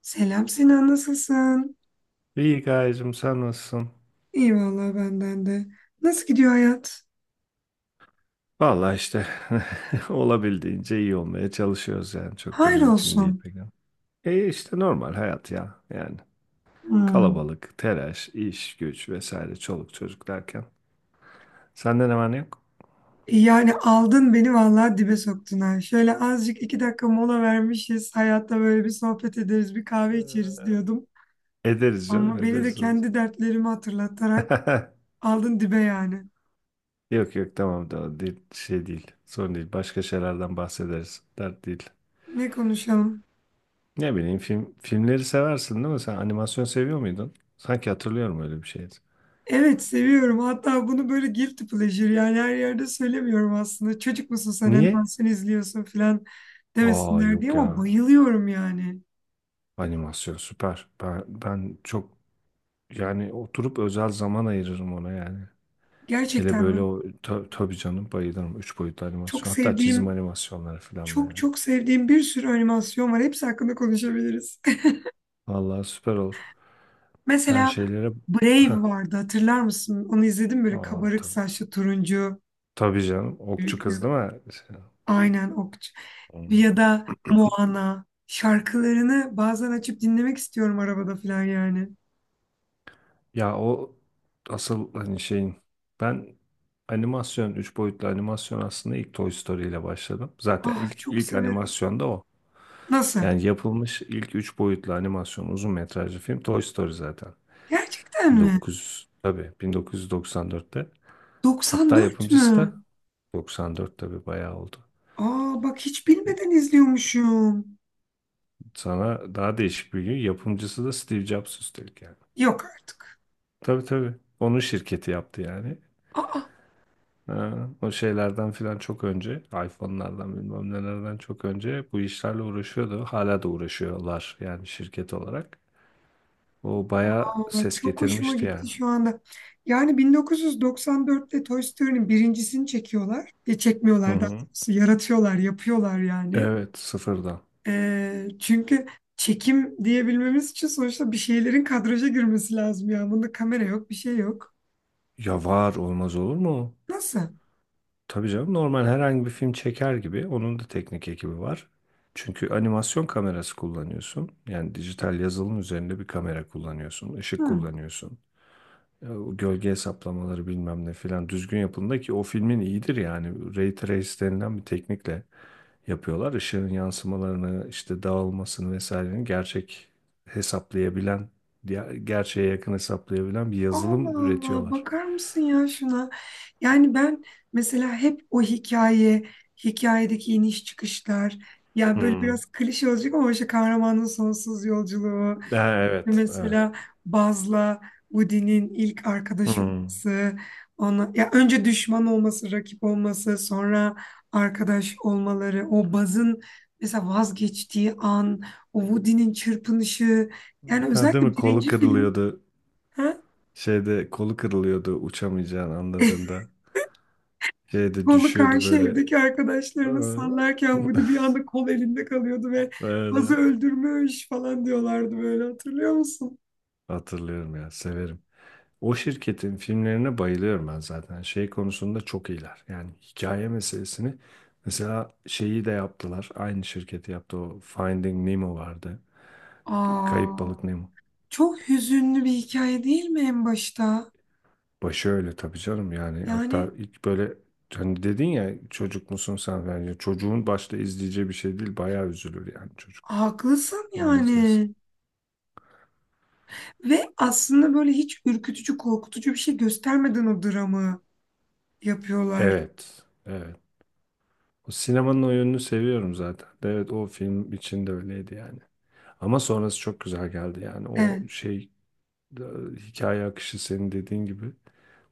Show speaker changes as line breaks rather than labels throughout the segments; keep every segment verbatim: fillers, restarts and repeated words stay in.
Selam Sinan, nasılsın?
İyi Gayecim, sen nasılsın?
İyi vallahi benden de. Nasıl gidiyor hayat?
Vallahi işte olabildiğince iyi olmaya çalışıyoruz yani çok da
Hayır
mümkün değil
olsun.
pek. Ama. E işte normal hayat ya yani
Hmm.
kalabalık, telaş, iş, güç vesaire çoluk çocuk derken. Senden hemen yok.
Yani aldın beni vallahi dibe soktun ha. Şöyle azıcık iki dakika mola vermişiz. Hayatta böyle bir sohbet ederiz, bir kahve içeriz diyordum.
Ederiz canım
Ama beni de
ederiz.
kendi dertlerimi hatırlatarak aldın dibe yani.
Yok yok tamam da değil, şey değil, sorun değil, başka şeylerden bahsederiz, dert değil.
Ne konuşalım?
Ne bileyim, film, filmleri seversin değil mi? Sen animasyon seviyor muydun? Sanki hatırlıyorum öyle bir şeydi.
Evet seviyorum. Hatta bunu böyle guilty pleasure yani her yerde söylemiyorum aslında. Çocuk musun sen?
Niye?
Animasyon izliyorsun falan
Aa
demesinler
yok
diye
ya.
ama bayılıyorum yani.
Animasyon süper. Ben, ben çok yani oturup özel zaman ayırırım ona yani. Hele
Gerçekten
böyle
mi?
o ta- tabii canım bayılırım. Üç boyutlu
Çok
animasyon. Hatta çizim
sevdiğim,
animasyonları falan da
çok
yani.
çok sevdiğim bir sürü animasyon var. Hepsi hakkında konuşabiliriz.
Vallahi süper olur. Ben
Mesela
şeylere... Heh.
Brave vardı. Hatırlar mısın? Onu izledim böyle
Aa,
kabarık
tabii.
saçlı turuncu.
Tabii canım. Okçu kız değil mi? Şey-
Aynen okçu.
Hı.
Ya da Moana. Şarkılarını bazen açıp dinlemek istiyorum arabada falan yani.
Ya o asıl hani şeyin... Ben animasyon, üç boyutlu animasyon aslında ilk Toy Story ile başladım. Zaten
Ah
ilk
çok
ilk
severim.
animasyon da o.
Nasıl?
Yani yapılmış ilk üç boyutlu animasyon uzun metrajlı film Toy Story zaten.
Gerçekten mi?
1900 tabii bin dokuz yüz doksan dörtte. Hatta
doksan dört
yapımcısı
mü?
da doksan dört tabii bayağı oldu.
Aa bak hiç bilmeden izliyormuşum.
Sana daha değişik bir gün, yapımcısı da Steve Jobs üstelik yani.
Yok artık.
Tabii tabii. Onun şirketi yaptı yani.
Aa
Ha, o şeylerden filan çok önce, iPhone'lardan bilmem nelerden çok önce bu işlerle uğraşıyordu. Hala da uğraşıyorlar yani şirket olarak. O bayağı
Ay,
ses
çok hoşuma
getirmişti
gitti
yani.
şu anda. Yani bin dokuz yüz doksan dörtte Toy Story'nin birincisini çekiyorlar. E,
Hı
çekmiyorlar daha
hı.
doğrusu. Yaratıyorlar, yapıyorlar yani.
Evet, sıfırdan.
E, çünkü çekim diyebilmemiz için sonuçta bir şeylerin kadraja girmesi lazım ya. Bunda kamera yok, bir şey yok.
Ya var, olmaz olur mu?
Nasıl?
Tabii canım, normal herhangi bir film çeker gibi onun da teknik ekibi var. Çünkü animasyon kamerası kullanıyorsun. Yani dijital yazılım üzerinde bir kamera kullanıyorsun, ışık
Hı.
kullanıyorsun. E, o gölge hesaplamaları bilmem ne filan düzgün yapılında ki o filmin iyidir yani. Ray Trace denilen bir teknikle yapıyorlar. Işığın yansımalarını, işte dağılmasını vesaireni gerçek hesaplayabilen, diğer- gerçeğe yakın hesaplayabilen bir
Allah
yazılım
Allah,
üretiyorlar.
bakar mısın ya şuna? Yani ben mesela hep o hikaye, hikayedeki iniş çıkışlar, ya böyle
Hmm.
biraz klişe olacak ama işte kahramanın sonsuz yolculuğu.
Ha, evet, evet.
Mesela Baz'la Woody'nin ilk arkadaş
Hmm.
olması, ona ya önce düşman olması, rakip olması, sonra arkadaş olmaları, o Baz'ın mesela vazgeçtiği an, o Woody'nin çırpınışı, yani
Ha, değil
özellikle
mi? Kolu
birinci film,
kırılıyordu.
ha?
Şeyde kolu kırılıyordu uçamayacağını anladığında. Şeyde
Kolu
düşüyordu
karşı
böyle.
evdeki arkadaşlarına sallarken Woody bir anda kol elinde kalıyordu ve Baz'ı
Böyle.
öldürmüş falan diyorlardı böyle, hatırlıyor musun?
Hatırlıyorum ya, severim. O şirketin filmlerine bayılıyorum ben zaten. Şey konusunda çok iyiler. Yani hikaye meselesini. Mesela şeyi de yaptılar. Aynı şirketi yaptı, o Finding Nemo vardı. Kayıp
Aa,
Balık Nemo.
çok hüzünlü bir hikaye değil mi en başta?
Başı öyle tabii canım yani,
Yani
hatta ilk böyle hani dedin ya çocuk musun sen, bence çocuğun başta izleyeceği bir şey değil, bayağı üzülür yani çocuk
haklısın
onu izlesin.
yani. Ve aslında böyle hiç ürkütücü, korkutucu bir şey göstermeden o dramı yapıyorlar.
Evet evet, o sinemanın o yönünü seviyorum zaten, evet o film için de öyleydi yani ama sonrası çok güzel geldi yani
Evet.
o şey e, hikaye akışı senin dediğin gibi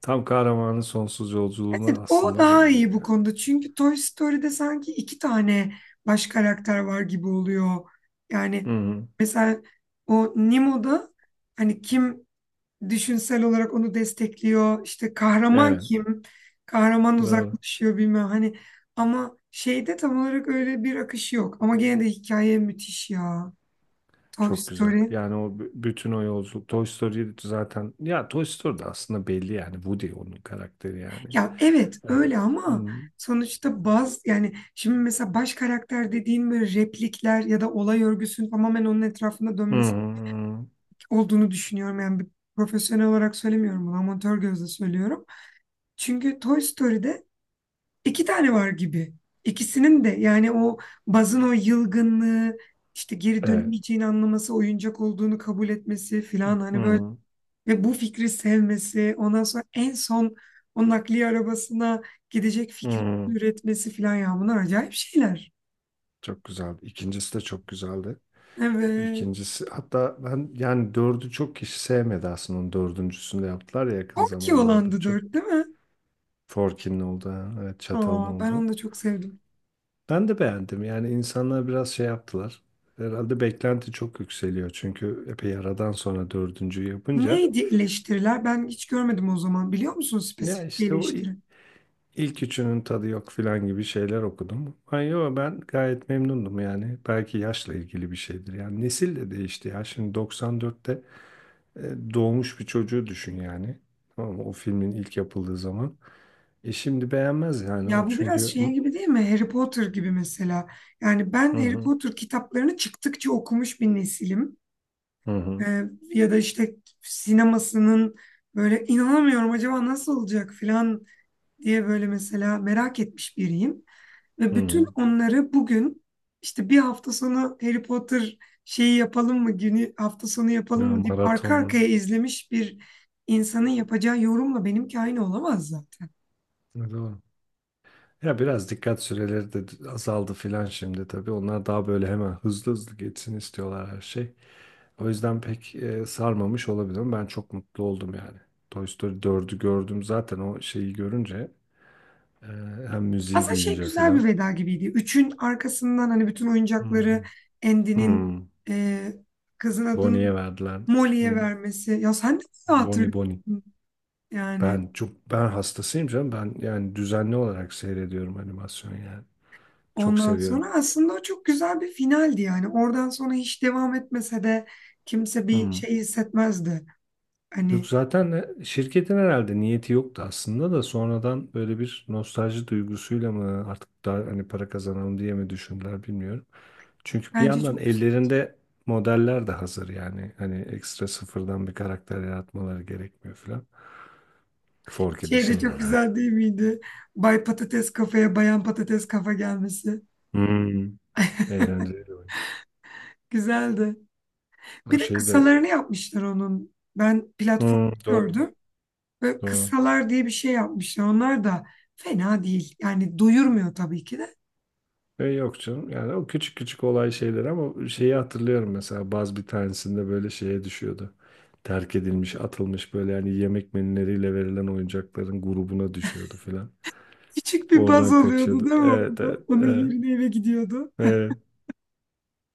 tam kahramanın sonsuz
Evet,
yolculuğuna
o
aslında
daha
benziyor
iyi bu
yani.
konuda. Çünkü Toy Story'de sanki iki tane baş karakter var gibi oluyor.
Hı
Yani
hı.
mesela o Nemo'da hani kim düşünsel olarak onu destekliyor. İşte kahraman
Evet,
kim? Kahraman
doğru.
uzaklaşıyor bilmem, hani, ama şeyde tam olarak öyle bir akış yok. Ama gene de hikaye müthiş ya. Toy
Çok güzel.
Story.
Yani o b- bütün o yolculuk. Toy Story zaten ya, Toy Story de aslında belli yani. Woody onun karakteri yani.
Ya evet
Hani
öyle ama
hmm.
sonuçta baz, yani şimdi mesela baş karakter dediğin böyle replikler ya da olay örgüsünün tamamen onun etrafında
Hı hı
dönmesi
hı.
olduğunu düşünüyorum. Yani bir profesyonel olarak söylemiyorum bunu, amatör gözle söylüyorum. Çünkü Toy Story'de İki tane var gibi. İkisinin de yani o Baz'ın o yılgınlığı, işte geri
Evet.
dönemeyeceğini anlaması, oyuncak olduğunu kabul etmesi filan
Hı
hani böyle
hı.
ve bu fikri sevmesi, ondan sonra en son o nakliye arabasına gidecek
Hı
fikri
hı.
üretmesi filan, ya bunlar acayip şeyler.
Çok güzeldi. İkincisi de çok güzeldi.
Evet.
İkincisi hatta ben yani dördü çok kişi sevmedi aslında. Onun dördüncüsünü de yaptılar ya yakın
Orki
zamanlarda.
olandı
Çok
dört değil mi?
Forkin'in oldu. Ha. Evet, Çatal'ın
Aa, ben
oldu.
onu da çok sevdim.
Ben de beğendim. Yani insanlar biraz şey yaptılar. Herhalde beklenti çok yükseliyor. Çünkü epey aradan sonra dördüncüyü yapınca.
Neydi eleştiriler? Ben hiç görmedim o zaman. Biliyor musun
Ya
spesifik bir
işte o i-
eleştiri?
ilk üçünün tadı yok filan gibi şeyler okudum. Ay yo, ben gayet memnundum yani. Belki yaşla ilgili bir şeydir. Yani nesil de değişti ya. Şimdi doksan dörtte e, doğmuş bir çocuğu düşün yani. Tamam mı? O filmin ilk yapıldığı zaman. E şimdi beğenmez yani o
Ya bu biraz
çünkü...
şey gibi değil mi? Harry Potter gibi mesela. Yani ben
Hı
Harry
hı
Potter kitaplarını çıktıkça okumuş bir nesilim.
hı hı.
Ee, ya da işte sinemasının böyle inanamıyorum acaba nasıl olacak falan diye böyle mesela merak etmiş biriyim. Ve
Hı
bütün
hı.
onları bugün işte bir hafta sonu Harry Potter şeyi yapalım mı günü, hafta sonu yapalım
Ya
mı deyip arka
maratonlu.
arkaya izlemiş bir insanın yapacağı yorumla benimki aynı olamaz zaten.
Evet, doğru. Ya biraz dikkat süreleri de azaldı filan şimdi tabii. Onlar daha böyle hemen hızlı hızlı geçsin istiyorlar her şey. O yüzden pek e, sarmamış olabilir ama ben çok mutlu oldum yani. Toy Story dördü gördüm zaten o şeyi görünce. e, Hem müziği
Aslında şey
duyunca
güzel bir
filan.
veda gibiydi. Üçün arkasından hani bütün
Hı
oyuncakları
hı.
Andy'nin,
Hmm,
e, kızın adını
Bonnie'ye verdiler.
Molly'ye
Hmm,
vermesi. Ya sen de mi
Bonnie Bonnie.
hatırlıyorsun yani.
Ben çok, ben hastasıyım canım. Ben yani düzenli olarak seyrediyorum animasyon yani. Çok
Ondan
seviyorum.
sonra aslında o çok güzel bir finaldi yani. Oradan sonra hiç devam etmese de kimse bir şey hissetmezdi.
Yok,
Hani
zaten de şirketin herhalde niyeti yoktu aslında da sonradan böyle bir nostalji duygusuyla mı, artık daha hani para kazanalım diye mi düşündüler bilmiyorum. Çünkü bir
bence
yandan
çok güzel.
ellerinde modeller de hazır yani hani ekstra sıfırdan bir karakter yaratmaları gerekmiyor falan. Forky
Şey de çok
dışında.
güzel değil miydi? Bay Patates kafaya Bayan Patates kafa gelmesi.
Hmm. Eğlenceli oyun.
Güzeldi.
O
Bir de
şey de
kısalarını yapmışlar onun. Ben platform
Hmm, doğru
gördüm. Böyle
doğru.
kıssalar diye bir şey yapmışlar. Onlar da fena değil. Yani doyurmuyor tabii ki de.
E, yok canım. Yani o küçük küçük olay şeyler ama şeyi hatırlıyorum mesela bazı bir tanesinde böyle şeye düşüyordu. Terk edilmiş, atılmış böyle yani yemek menüleriyle verilen oyuncakların grubuna düşüyordu filan.
Küçük bir baz
Oradan
oluyordu
kaçıyordu.
değil mi
Evet, evet,
orada? Onun
evet,
yerine eve gidiyordu.
evet.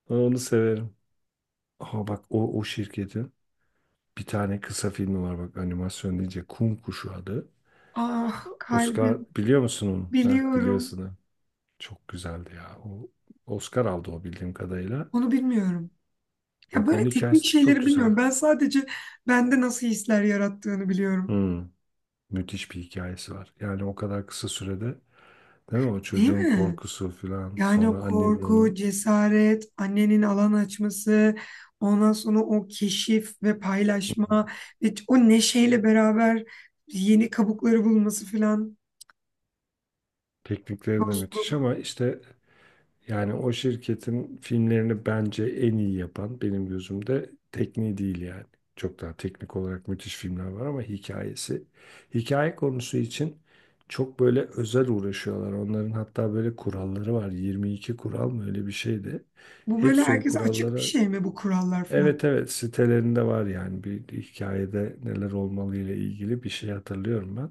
Ben onu severim. Aha bak o, o şirketin bir tane kısa filmi var bak, animasyon deyince Kum Kuşu adı.
Ah
Oscar
kalbim,
biliyor musun onu? Heh,
biliyorum.
biliyorsun. Ha. Çok güzeldi ya. O Oscar aldı o bildiğim kadarıyla.
Onu bilmiyorum. Ya
Bak, onun
böyle teknik
hikayesi de çok
şeyleri
güzel.
bilmiyorum. Ben sadece bende nasıl hisler yarattığını biliyorum.
Hmm, müthiş bir hikayesi var. Yani o kadar kısa sürede, değil mi? O
Değil
çocuğun
mi?
korkusu falan
Yani o
sonra annenin
korku,
onu
cesaret, annenin alan açması, ondan sonra o keşif ve paylaşma ve o neşeyle beraber yeni kabukları bulması falan.
teknikleri de
Dostluk.
müthiş ama işte yani o şirketin filmlerini bence en iyi yapan benim gözümde tekniği değil yani. Çok daha teknik olarak müthiş filmler var ama hikayesi. Hikaye konusu için çok böyle özel uğraşıyorlar. Onların hatta böyle kuralları var. yirmi iki kural mı öyle bir şeydi.
Bu böyle
Hepsi o
herkese açık bir
kurallara
şey mi bu kurallar falan?
Evet evet, sitelerinde var yani bir hikayede neler olmalı ile ilgili bir şey hatırlıyorum ben.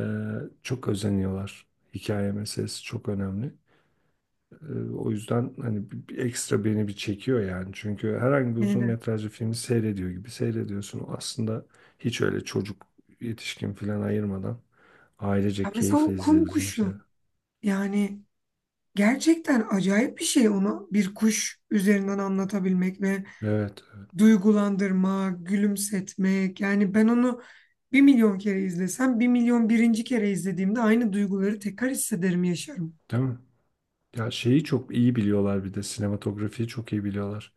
Ee, çok özeniyorlar. Hikaye meselesi çok önemli. Ee, o yüzden hani bir, bir ekstra beni bir çekiyor yani. Çünkü herhangi bir
Beni
uzun
de.
metrajlı filmi seyrediyor gibi seyrediyorsun. Aslında hiç öyle çocuk yetişkin falan ayırmadan
Ya
ailecek
mesela
keyifle
o kum
izleyebileceğin şeyler.
kuşu. Yani gerçekten acayip bir şey onu bir kuş üzerinden anlatabilmek ve
Evet, evet.
duygulandırma, gülümsetmek. Yani ben onu bir milyon kere izlesem, bir milyon birinci kere izlediğimde aynı duyguları tekrar hissederim, yaşarım.
Değil mi? Ya şeyi çok iyi biliyorlar, bir de sinematografiyi çok iyi biliyorlar.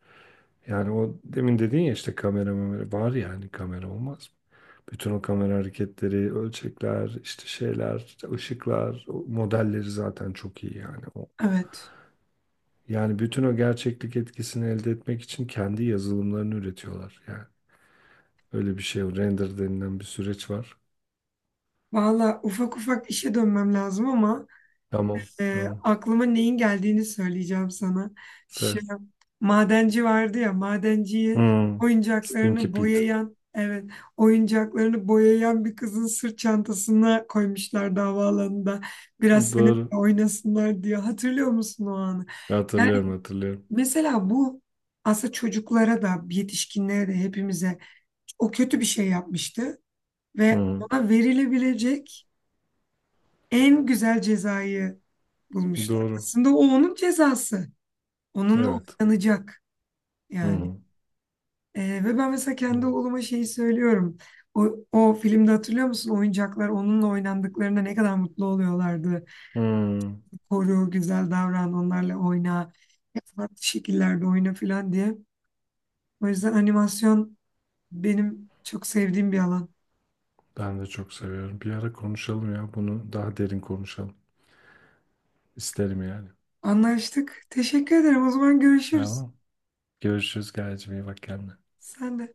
Yani o demin dediğin ya işte kamera mamera var yani kamera olmaz mı? Bütün o kamera hareketleri, ölçekler, işte şeyler, işte ışıklar, o modelleri zaten çok iyi yani. O,
Evet.
yani bütün o gerçeklik etkisini elde etmek için kendi yazılımlarını üretiyorlar yani. Öyle bir şey, o render denilen bir süreç var.
Valla ufak ufak işe dönmem lazım ama
Tamam,
e,
tamam.
aklıma neyin geldiğini söyleyeceğim sana.
Sel.
Şu madenci vardı ya, madenciyi
Hmm. Stinky
oyuncaklarını
Pete.
boyayan, evet, oyuncaklarını boyayan bir kızın sırt çantasına koymuşlar havaalanında. Biraz seninle
Doğru.
oynasınlar diye. Hatırlıyor musun o anı?
Hatırlıyorum, hatırlıyorum.
Mesela bu aslında çocuklara da, yetişkinlere de hepimize, o kötü bir şey yapmıştı
Hı
ve
hı.
ona verilebilecek en güzel cezayı bulmuşlar.
Doğru.
Aslında o onun cezası. Onunla
Evet.
oynanacak
Hı
yani.
hı.
Ee, ve ben mesela kendi
Doğru.
oğluma şeyi söylüyorum. O, o filmde hatırlıyor musun? Oyuncaklar onunla oynandıklarında ne kadar mutlu oluyorlardı.
Hı.
Koru, güzel davran, onlarla oyna. Farklı şekillerde oyna falan diye. O yüzden animasyon benim çok sevdiğim bir alan.
Ben de çok seviyorum. Bir ara konuşalım ya, bunu daha derin konuşalım. İsterim yani.
Anlaştık. Teşekkür ederim. O zaman görüşürüz.
Tamam. Görüşürüz Gayecim, iyi bak kendine.
Sen de.